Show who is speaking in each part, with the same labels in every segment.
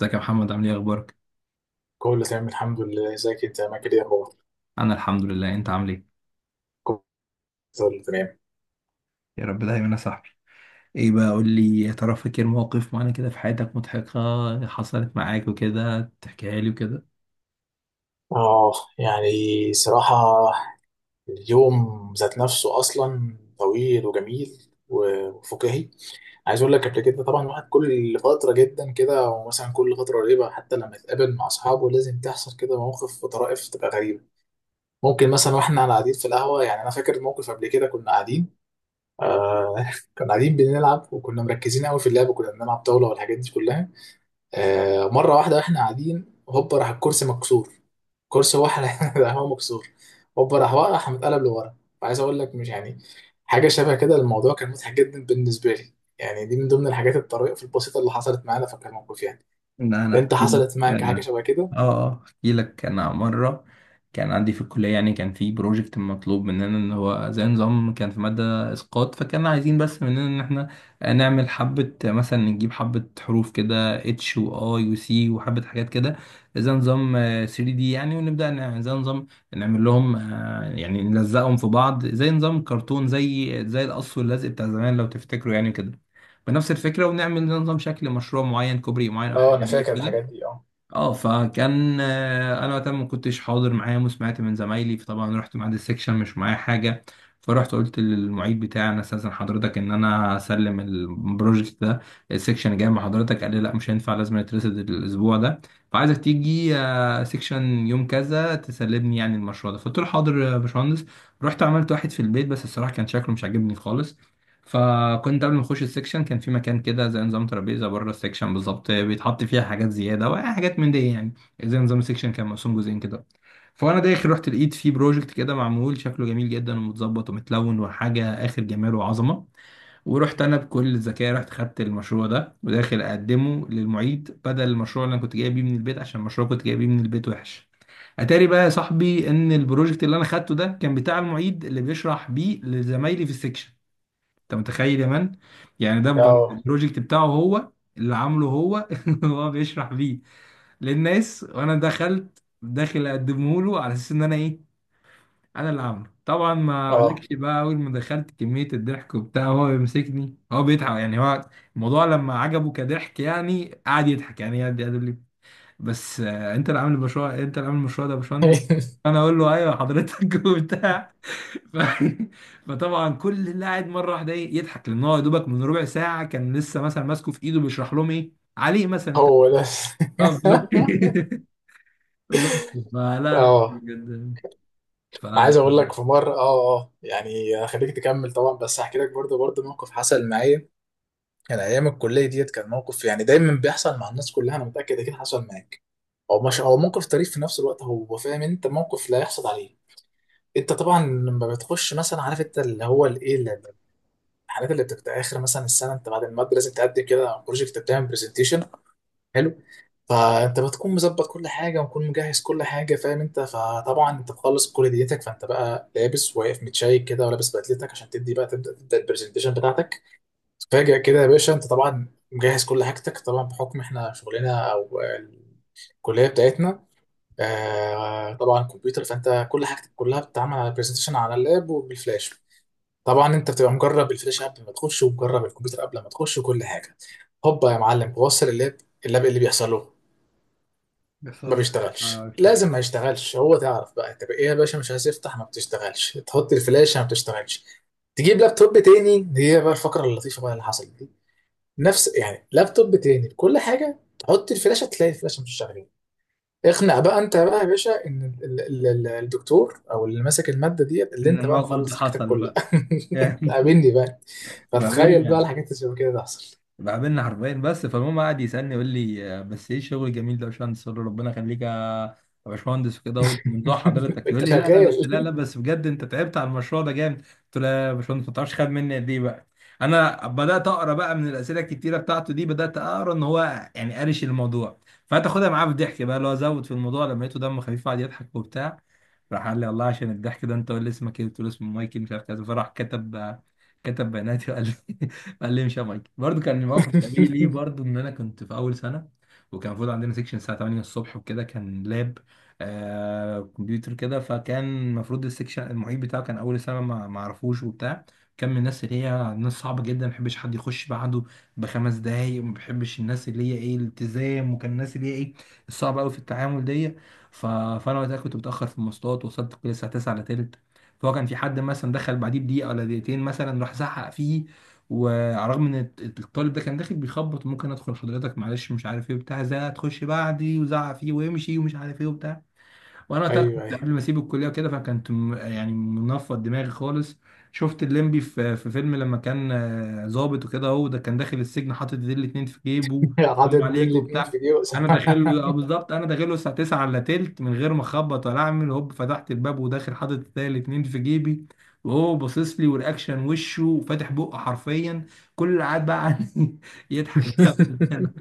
Speaker 1: ازيك يا محمد؟ عامل ايه؟ اخبارك؟
Speaker 2: كله تمام، الحمد لله. ازيك انت يا ماجد؟ يا اخبار؟
Speaker 1: انا الحمد لله. انت عامل ايه؟
Speaker 2: كله تمام.
Speaker 1: يا رب دايما يا صاحبي. ايه بقى؟ قول لي، يا ترى فاكر مواقف معانا كده في حياتك مضحكة حصلت معاك وكده، تحكيها لي وكده؟
Speaker 2: اه يعني، صراحة اليوم ذات نفسه اصلا طويل وجميل وفكاهي. عايز اقول لك، قبل كده طبعا الواحد كل فترة جدا كده، او مثلا كل فترة قريبة، حتى لما يتقابل مع اصحابه لازم تحصل كده مواقف وطرائف تبقى غريبة. ممكن مثلا واحنا قاعدين في القهوة، يعني انا فاكر موقف قبل كده كنا قاعدين. آه كنا قاعدين بنلعب، وكنا مركزين قوي في اللعب، وكنا بنلعب طاولة والحاجات دي كلها. مرة واحدة واحنا قاعدين هوبا راح الكرسي مكسور. كرسي هو احنا راح هو مكسور. هوبا راح واقع راح متقلب لورا. عايز اقول لك، مش يعني حاجة شبه كده، الموضوع كان مضحك جدا بالنسبة لي. يعني دي من ضمن الحاجات الطريفة البسيطة اللي حصلت معانا، فكان الموقف يعني.
Speaker 1: ان انا
Speaker 2: انت
Speaker 1: احكي لك؟
Speaker 2: حصلت معاك حاجة شبه كده؟
Speaker 1: اه، احكي لك. انا مره كان عندي في الكليه، يعني كان في بروجكت مطلوب مننا ان هو زي نظام، كان في ماده اسقاط، فكان عايزين بس مننا ان احنا نعمل حبه، مثلا نجيب حبه حروف كده، اتش واي وسي وحبه حاجات كده، زي نظام 3D يعني. ونبدا زي نظام نعمل لهم، يعني نلزقهم في بعض زي نظام كرتون، زي زي القص واللزق بتاع زمان لو تفتكروا يعني كده، بنفس الفكره. ونعمل زي نظام شكل مشروع معين، كوبري معين او
Speaker 2: اه،
Speaker 1: حاجه
Speaker 2: انا
Speaker 1: بيه
Speaker 2: فاكر
Speaker 1: كده.
Speaker 2: الحاجات دي. اه
Speaker 1: اه، فكان، انا وقتها ما كنتش حاضر معاهم وسمعت من زمايلي، فطبعا رحت ميعاد السكشن مش معايا حاجه. فرحت قلت للمعيد بتاعي، انا استاذن حضرتك ان انا اسلم البروجكت ده. السكشن جاي مع حضرتك. قال لي لا مش هينفع، لازم يترصد الاسبوع ده، فعايزك تيجي سكشن يوم كذا تسلمني يعني المشروع ده. فقلت له حاضر يا باشمهندس. رحت عملت واحد في البيت بس الصراحه كان شكله مش عاجبني خالص. فكنت قبل ما اخش السكشن، كان في مكان كده زي نظام ترابيزه بره السكشن بالظبط، بيتحط فيها حاجات زياده وحاجات من دي يعني. زي نظام السكشن كان مقسوم جزئين كده. فانا داخل رحت لقيت فيه بروجكت كده معمول شكله جميل جدا ومتظبط ومتلون وحاجه اخر جمال وعظمه. ورحت انا بكل ذكاء، رحت خدت المشروع ده وداخل اقدمه للمعيد بدل المشروع اللي انا كنت جايبه من البيت، عشان المشروع كنت جايبه من البيت وحش. اتاري بقى يا صاحبي ان البروجكت اللي انا خدته ده كان بتاع المعيد اللي بيشرح بيه لزمايلي في السكشن. انت متخيل يا مان؟ يعني ده
Speaker 2: اه.
Speaker 1: البروجكت بتاعه هو، اللي عامله هو هو بيشرح بيه للناس، وانا دخلت داخل اقدمه له على اساس ان انا ايه، انا اللي عامله. طبعا ما
Speaker 2: اه
Speaker 1: اقولكش بقى اول ما دخلت كمية الضحك وبتاع، هو بيمسكني، هو بيضحك يعني، هو الموضوع لما عجبه كضحك يعني، قعد يضحك، يعني قعد يقول لي بس، انت اللي عامل المشروع؟ انت اللي عامل المشروع ده يا باشمهندس؟ انا اقول له ايوه حضرتك وبتاع. ف... فطبعا كل اللي قاعد مره واحده ايه، يضحك، لان هو يا دوبك من ربع ساعه كان لسه مثلا ماسكه في ايده بيشرح لهم ايه عليه مثلا انت.
Speaker 2: هو ده.
Speaker 1: اه بس. فلا لا
Speaker 2: اه.
Speaker 1: بجد. ف
Speaker 2: انا عايز اقول لك، في مره يعني، خليك تكمل طبعا، بس هحكي لك برضه موقف حصل معايا. كان ايام الكليه ديت، كان موقف يعني دايما بيحصل مع الناس كلها، انا متاكد اكيد حصل معاك. هو مش هو موقف طريف في نفس الوقت، هو فاهم انت، موقف لا يحصل عليه. انت طبعا لما بتخش مثلا، عارف انت اللي هو الايه الحاجات اللي بتبقى اخر مثلا السنه، انت بعد الماده لازم تقدم كده بروجكت، بتعمل برزنتيشن. حلو. فانت بتكون مظبط كل حاجه ومكون مجهز كل حاجه فاهم انت، فطبعا انت بتخلص كل ديتك، فانت بقى لابس واقف متشيك كده، ولابس بدلتك عشان تدي بقى تبدا البرزنتيشن بتاعتك. فاجأ كده يا باشا، انت طبعا مجهز كل حاجتك طبعا بحكم احنا شغلنا او الكليه بتاعتنا طبعا كمبيوتر، فانت كل حاجتك كلها بتتعمل على برزنتيشن على اللاب وبالفلاش. طبعا انت بتبقى مجرب الفلاش قبل ما تخش، ومجرب الكمبيوتر قبل ما تخش وكل حاجه. هوبا يا معلم، بوصل اللاب. اللاب إيه اللي بيحصل له؟
Speaker 1: بس
Speaker 2: ما
Speaker 1: والله
Speaker 2: بيشتغلش.
Speaker 1: ما
Speaker 2: لازم ما
Speaker 1: اشتغلش.
Speaker 2: يشتغلش، هو تعرف بقى، طب ايه يا باشا مش عايز يفتح، ما بتشتغلش، تحط الفلاشه ما بتشتغلش، تجيب لابتوب تاني. هي بقى الفقرة اللطيفة بقى اللي حصلت. نفس يعني لابتوب تاني كل حاجه، تحط الفلاشه تلاقي الفلاشه مش شغاله. اقنع بقى انت بقى يا باشا ان الدكتور او اللي ماسك الماده ديت اللي
Speaker 1: ان
Speaker 2: انت بقى
Speaker 1: الموقف ده
Speaker 2: مخلص حاجتك
Speaker 1: حصل
Speaker 2: كلها.
Speaker 1: بقى. يعني
Speaker 2: قابلني بقى.
Speaker 1: ما
Speaker 2: فتخيل بقى
Speaker 1: بيننا،
Speaker 2: الحاجات اللي شبه كده تحصل.
Speaker 1: بقابلنا حرفيا بس. فالمهم قعد يسألني يقول لي بس ايه الشغل الجميل ده يا باشمهندس؟ قلت له ربنا يخليك يا يا باشمهندس وكده اهوت، من ذوق حضرتك. يقول
Speaker 2: انت
Speaker 1: لي لا لا بس، لا
Speaker 2: شغال
Speaker 1: لا بس بجد، انت تعبت على المشروع ده جامد. قلت له لا يا باشمهندس، ما تعرفش خد مني قد ايه بقى. انا بدات اقرا بقى من الاسئله الكتيره بتاعته دي، بدات اقرا ان هو يعني قارش الموضوع، فتاخدها معاه بالضحك بقى. اللي هو زود في الموضوع لما لقيته دمه خفيف قعد يضحك وبتاع. راح قال لي والله عشان الضحك ده انت، قول لي اسمك ايه. قلت له اسمه مايكل مش عارف كذا، فراح كتب كتب بياناتي وقال لي قال لي مش يا مايك. برضه كان موقف شبيه ليه برضه، ان انا كنت في اول سنه، وكان المفروض عندنا سيكشن الساعه 8 الصبح وكده، كان لاب آه كمبيوتر كده. فكان المفروض السيكشن المعيد بتاعه، كان اول سنه ما اعرفوش وبتاع. كان من الناس اللي هي ناس صعبه جدا، ما بيحبش حد يخش بعده بخمس دقايق، وما بيحبش الناس اللي هي ايه الالتزام، وكان الناس اللي هي ايه الصعبه قوي في التعامل دي. فانا وقتها كنت متاخر في المواصلات، وصلت كل الساعه 9 الا تلت. فهو كان في حد مثلا دخل بعديه بدقيقه ولا دقيقتين مثلا، راح زعق فيه. وعلى الرغم ان الطالب ده كان داخل بيخبط، ممكن ادخل حضرتك؟ معلش مش عارف ايه بتاع، زي هتخش بعدي وزعق فيه ويمشي ومش عارف ايه وبتاع. وانا وقتها
Speaker 2: ايوه
Speaker 1: كنت
Speaker 2: ايوه،
Speaker 1: قبل ما اسيب الكليه وكده، فكنت يعني منفض دماغي خالص. شفت الليمبي في فيلم لما كان ظابط وكده، هو ده كان داخل السجن حاطط ايديه الاتنين في جيبه،
Speaker 2: حاطط
Speaker 1: سلام
Speaker 2: دول
Speaker 1: عليك
Speaker 2: الاتنين في
Speaker 1: وبتاع.
Speaker 2: جيوز
Speaker 1: انا داخل له بالظبط انا داخل له الساعه 9 الا تلت من غير ما اخبط ولا اعمل هوب، فتحت الباب وداخل حاطط ايديه الاتنين في جيبي، وهو باصص لي والاكشن وشه وفاتح بقه حرفيا. كل اللي قاعد بقى عني يضحك بقى.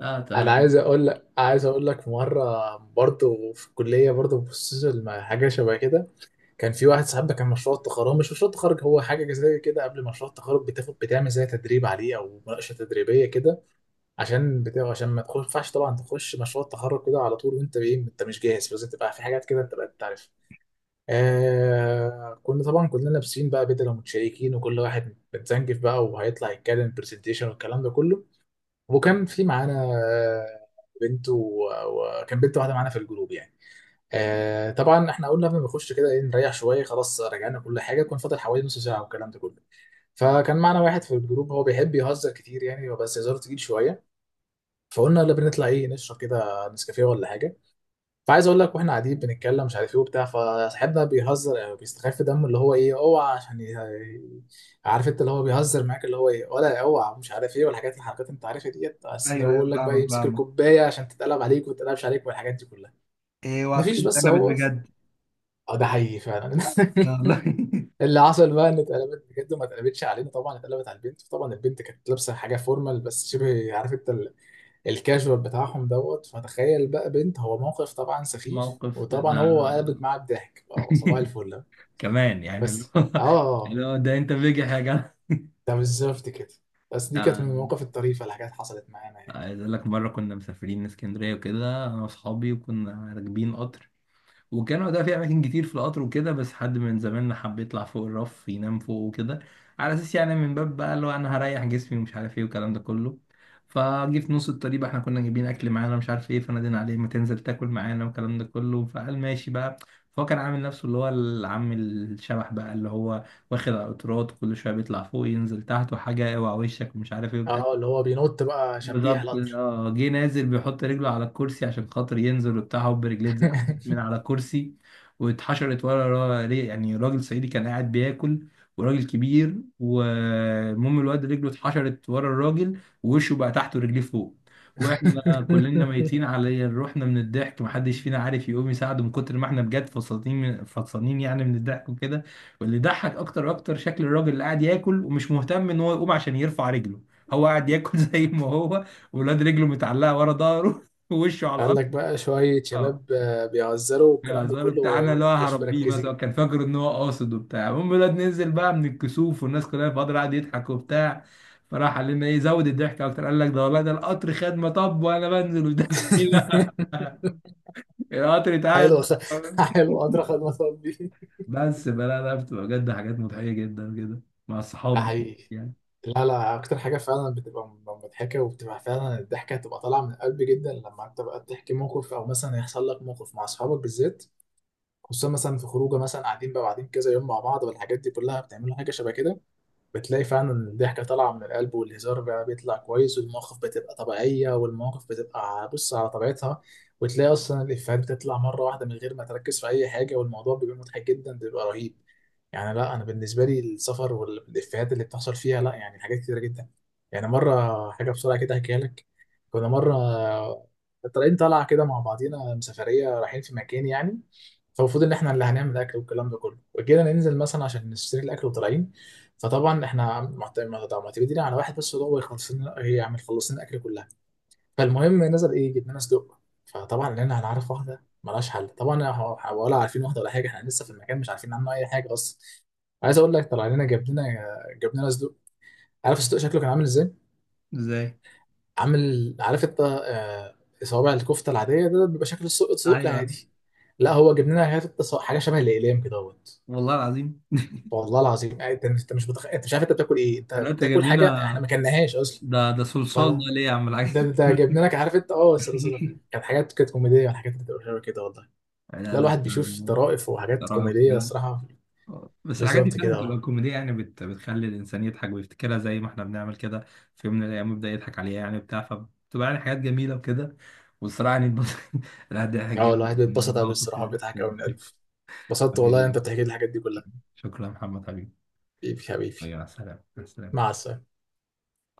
Speaker 1: اه
Speaker 2: انا
Speaker 1: طبعا.
Speaker 2: عايز اقول لك، مره في الكليه بصيت لما حاجه شبه كده. كان في واحد صاحبنا، كان مشروع التخرج، هو مش مشروع التخرج، هو حاجه زي كده، قبل مشروع التخرج بتاخد بتعمل زي تدريب عليه او مناقشه تدريبيه كده، عشان بتاع عشان ما ينفعش طبعا تخش مشروع التخرج كده على طول، وانت ايه، انت مش جاهز، لازم تبقى في حاجات كده انت بقى بتعرف. كنا طبعا كلنا لابسين بقى بدل ومتشيكين، وكل واحد متزنجف بقى وهيطلع يتكلم برزنتيشن والكلام ده كله. وكان في معانا آه، بنت وكان بنت واحده معانا في الجروب يعني. طبعا احنا قلنا قبل ما نخش كده ايه، نريح شويه. خلاص رجعنا كل حاجه، كان فاضل حوالي نص ساعه والكلام ده كله. فكان معانا واحد في الجروب هو بيحب يهزر كتير يعني، بس هزاره تقيل شويه. فقلنا يلا بنطلع ايه، نشرب كده نسكافيه ولا حاجه. فعايز اقول لك، واحنا قاعدين بنتكلم مش عارف ايه وبتاع، فصاحبنا بيهزر او بيستخف دمه اللي هو ايه، اوعى عشان عارف انت اللي هو بيهزر معاك اللي هو ايه، ولا اوعى مش عارف ايه، والحاجات الحركات انت عارفها ديت، بس ان هو
Speaker 1: ايوه ايوه،
Speaker 2: يقول لك بقى
Speaker 1: فاهمك
Speaker 2: يمسك
Speaker 1: فاهمك.
Speaker 2: الكوبايه عشان تتقلب عليك وما تتقلبش عليك والحاجات دي كلها.
Speaker 1: ايه؟
Speaker 2: مفيش،
Speaker 1: وعطيني
Speaker 2: بس
Speaker 1: اتقلبت
Speaker 2: هو
Speaker 1: بجد.
Speaker 2: اه ده حقيقي فعلا
Speaker 1: والله.
Speaker 2: اللي حصل بقى ان اتقلبت بجد، وما اتقلبتش علينا طبعا، اتقلبت على البنت طبعا. البنت كانت لابسه حاجه فورمال بس شبه عارف انت الكاجوال بتاعهم دوت. فتخيل بقى بنت، هو موقف طبعا سخيف،
Speaker 1: موقف ده
Speaker 2: وطبعا هو قلبت معاه بضحك، اه صباح الفل.
Speaker 1: كمان، يعني اللي
Speaker 2: بس
Speaker 1: هو اللي هو ده انت بيجح يا جدع.
Speaker 2: ده بالظبط كده. بس دي كانت من
Speaker 1: آه،
Speaker 2: المواقف الطريفه اللي حاجات حصلت معانا يعني.
Speaker 1: عايز اقول لك مره كنا مسافرين اسكندريه وكده، انا واصحابي، وكنا راكبين قطر. والجامع ده فيه أماكن كتير في القطر وكده، بس حد من زمايلنا حب يطلع فوق الرف ينام فوق وكده، على أساس يعني من باب بقى اللي هو أنا هريح جسمي ومش عارف إيه والكلام ده كله. فجه في نص الطريق بقى، إحنا كنا جايبين أكل معانا مش عارف إيه، فنادينا عليه ما تنزل تاكل معانا والكلام ده كله، فقال ماشي بقى. فهو كان عامل نفسه اللي هو العم الشبح بقى، اللي هو واخد على القطارات، كل شوية بيطلع فوق ينزل تحت وحاجة اوعى وشك ومش عارف إيه وبتاع.
Speaker 2: اه اللي هو بينط بقى شبيح
Speaker 1: بالظبط
Speaker 2: القطر.
Speaker 1: اه. جه نازل بيحط رجله على الكرسي عشان خاطر ينزل وبتاع، هوب رجليه اتزحلقت من على الكرسي واتحشرت ورا يعني راجل صعيدي كان قاعد بياكل، وراجل كبير. والمهم الواد رجله اتحشرت ورا الراجل ووشه بقى تحت ورجليه فوق. واحنا كلنا ميتين على روحنا من الضحك، محدش فينا عارف يقوم يساعده من كتر ما احنا بجد فصلتين فصلانين يعني من الضحك وكده. واللي ضحك اكتر اكتر شكل الراجل اللي قاعد ياكل ومش مهتم ان هو يقوم عشان يرفع رجله، هو قاعد ياكل زي ما هو، ولاد رجله متعلقه ورا ظهره ووشه على
Speaker 2: قال
Speaker 1: الارض.
Speaker 2: لك بقى شوية
Speaker 1: اه
Speaker 2: شباب بيهزروا والكلام
Speaker 1: يا
Speaker 2: ده
Speaker 1: زار
Speaker 2: كله.
Speaker 1: بتاعنا اللي هو
Speaker 2: مش
Speaker 1: هربيه مثلا
Speaker 2: مركزين.
Speaker 1: كان فاكر ان هو قاصد وبتاع. المهم الواد نزل بقى من الكسوف، والناس كلها فاضل قاعد يضحك وبتاع. فراح قال لنا ايه زود الضحك اكتر، قال لك ده والله ده القطر خدمه، طب وانا بنزل وده القطر اتعاد.
Speaker 2: حلو حلو، قدر خدمة ربي.
Speaker 1: بس بلا، لا بتبقى بجد حاجات مضحيه جدا كده مع
Speaker 2: ده
Speaker 1: الصحاب
Speaker 2: حقيقي.
Speaker 1: يعني.
Speaker 2: لا لا، أكتر حاجة فعلا بتبقى مضحكة، وبتبقى فعلا الضحكة هتبقى طالعة من القلب جدا لما أنت بقى تحكي موقف أو مثلا يحصل لك موقف مع أصحابك بالذات. خصوصا مثلا في خروجة مثلا قاعدين بقى كذا يوم مع بعض والحاجات دي كلها بتعملوا حاجة شبه كده. بتلاقي فعلا إن الضحكة طالعة من القلب، والهزار بقى بيطلع كويس، والمواقف بتبقى طبيعية، والمواقف بتبقى بص على طبيعتها. وتلاقي أصلا الإفيهات بتطلع مرة واحدة من غير ما تركز في أي حاجة، والموضوع بيبقى مضحك جدا، بيبقى رهيب. يعني لا، أنا بالنسبة لي السفر والإفيهات اللي بتحصل فيها، لا يعني حاجات كتيرة جدا. يعني مرة حاجة بسرعة كده أحكيها لك. كنا مرة طالعين طالعة كده مع بعضينا سفرية، رايحين في مكان يعني. فالمفروض إن إحنا اللي هنعمل أكل والكلام ده كله، وجينا ننزل مثلا عشان نشتري الأكل وطالعين. فطبعا احنا ما طب ما تجينا على واحد بس هو يخلص لنا، هي يعني خلص لنا الاكل كلها. فالمهم نزل ايه، جبنا لنا صدق. فطبعا لقينا هنعرف واحده ملهاش حل طبعا، ولا عارفين واحده ولا حاجه، احنا لسه في المكان مش عارفين عنه اي حاجه اصلا. عايز اقول لك، طلع لنا جاب لنا صدق. عارف الصدق شكله كان عامل ازاي؟
Speaker 1: ازاي؟
Speaker 2: عامل، عارف انت صوابع الكفته العاديه، ده بيبقى شكل الصدق،
Speaker 1: ايوه،
Speaker 2: الصدق
Speaker 1: أيوة.
Speaker 2: العادي. لا هو جاب لنا حاجه شبه الاقلام كده اهوت،
Speaker 1: والله العظيم.
Speaker 2: والله العظيم. يعني انت مش انت مش عارف انت بتاكل ايه، انت
Speaker 1: لا انت
Speaker 2: بتاكل
Speaker 1: جايب
Speaker 2: حاجه
Speaker 1: لنا،
Speaker 2: احنا ما كلناهاش اصلا.
Speaker 1: ده ده صلصال ده
Speaker 2: فلا،
Speaker 1: ليه يا عم الحاج؟
Speaker 2: ده جبنا لك عارف انت، اه كانت حاجات كانت كوميديه والحاجات اللي بتبقى حلوه كده والله.
Speaker 1: لا
Speaker 2: لا،
Speaker 1: لا
Speaker 2: الواحد بيشوف
Speaker 1: فعلاً.
Speaker 2: طرائف وحاجات
Speaker 1: رائع
Speaker 2: كوميديه
Speaker 1: كده.
Speaker 2: الصراحه.
Speaker 1: بس الحاجات دي
Speaker 2: بالظبط
Speaker 1: فعلا
Speaker 2: كده
Speaker 1: بتبقى كوميديا يعني، بتخلي الانسان يضحك ويفتكرها زي ما احنا بنعمل كده، في يوم من الايام يبدا يضحك عليها يعني بتاع فبتبقى يعني حاجات جميله وكده. والصراحه يعني لا ده ضحك
Speaker 2: اه
Speaker 1: جامد
Speaker 2: الواحد
Speaker 1: من
Speaker 2: بيتبسط قوي
Speaker 1: الموقف
Speaker 2: الصراحه، بيضحك قوي من قلبه. اتبسطت والله،
Speaker 1: حبيبي،
Speaker 2: انت بتحكي لي الحاجات دي كلها.
Speaker 1: شكرا يا محمد حبيبي.
Speaker 2: حبيبي حبيبي.
Speaker 1: ايوه، سلام سلام.
Speaker 2: مع السلامه.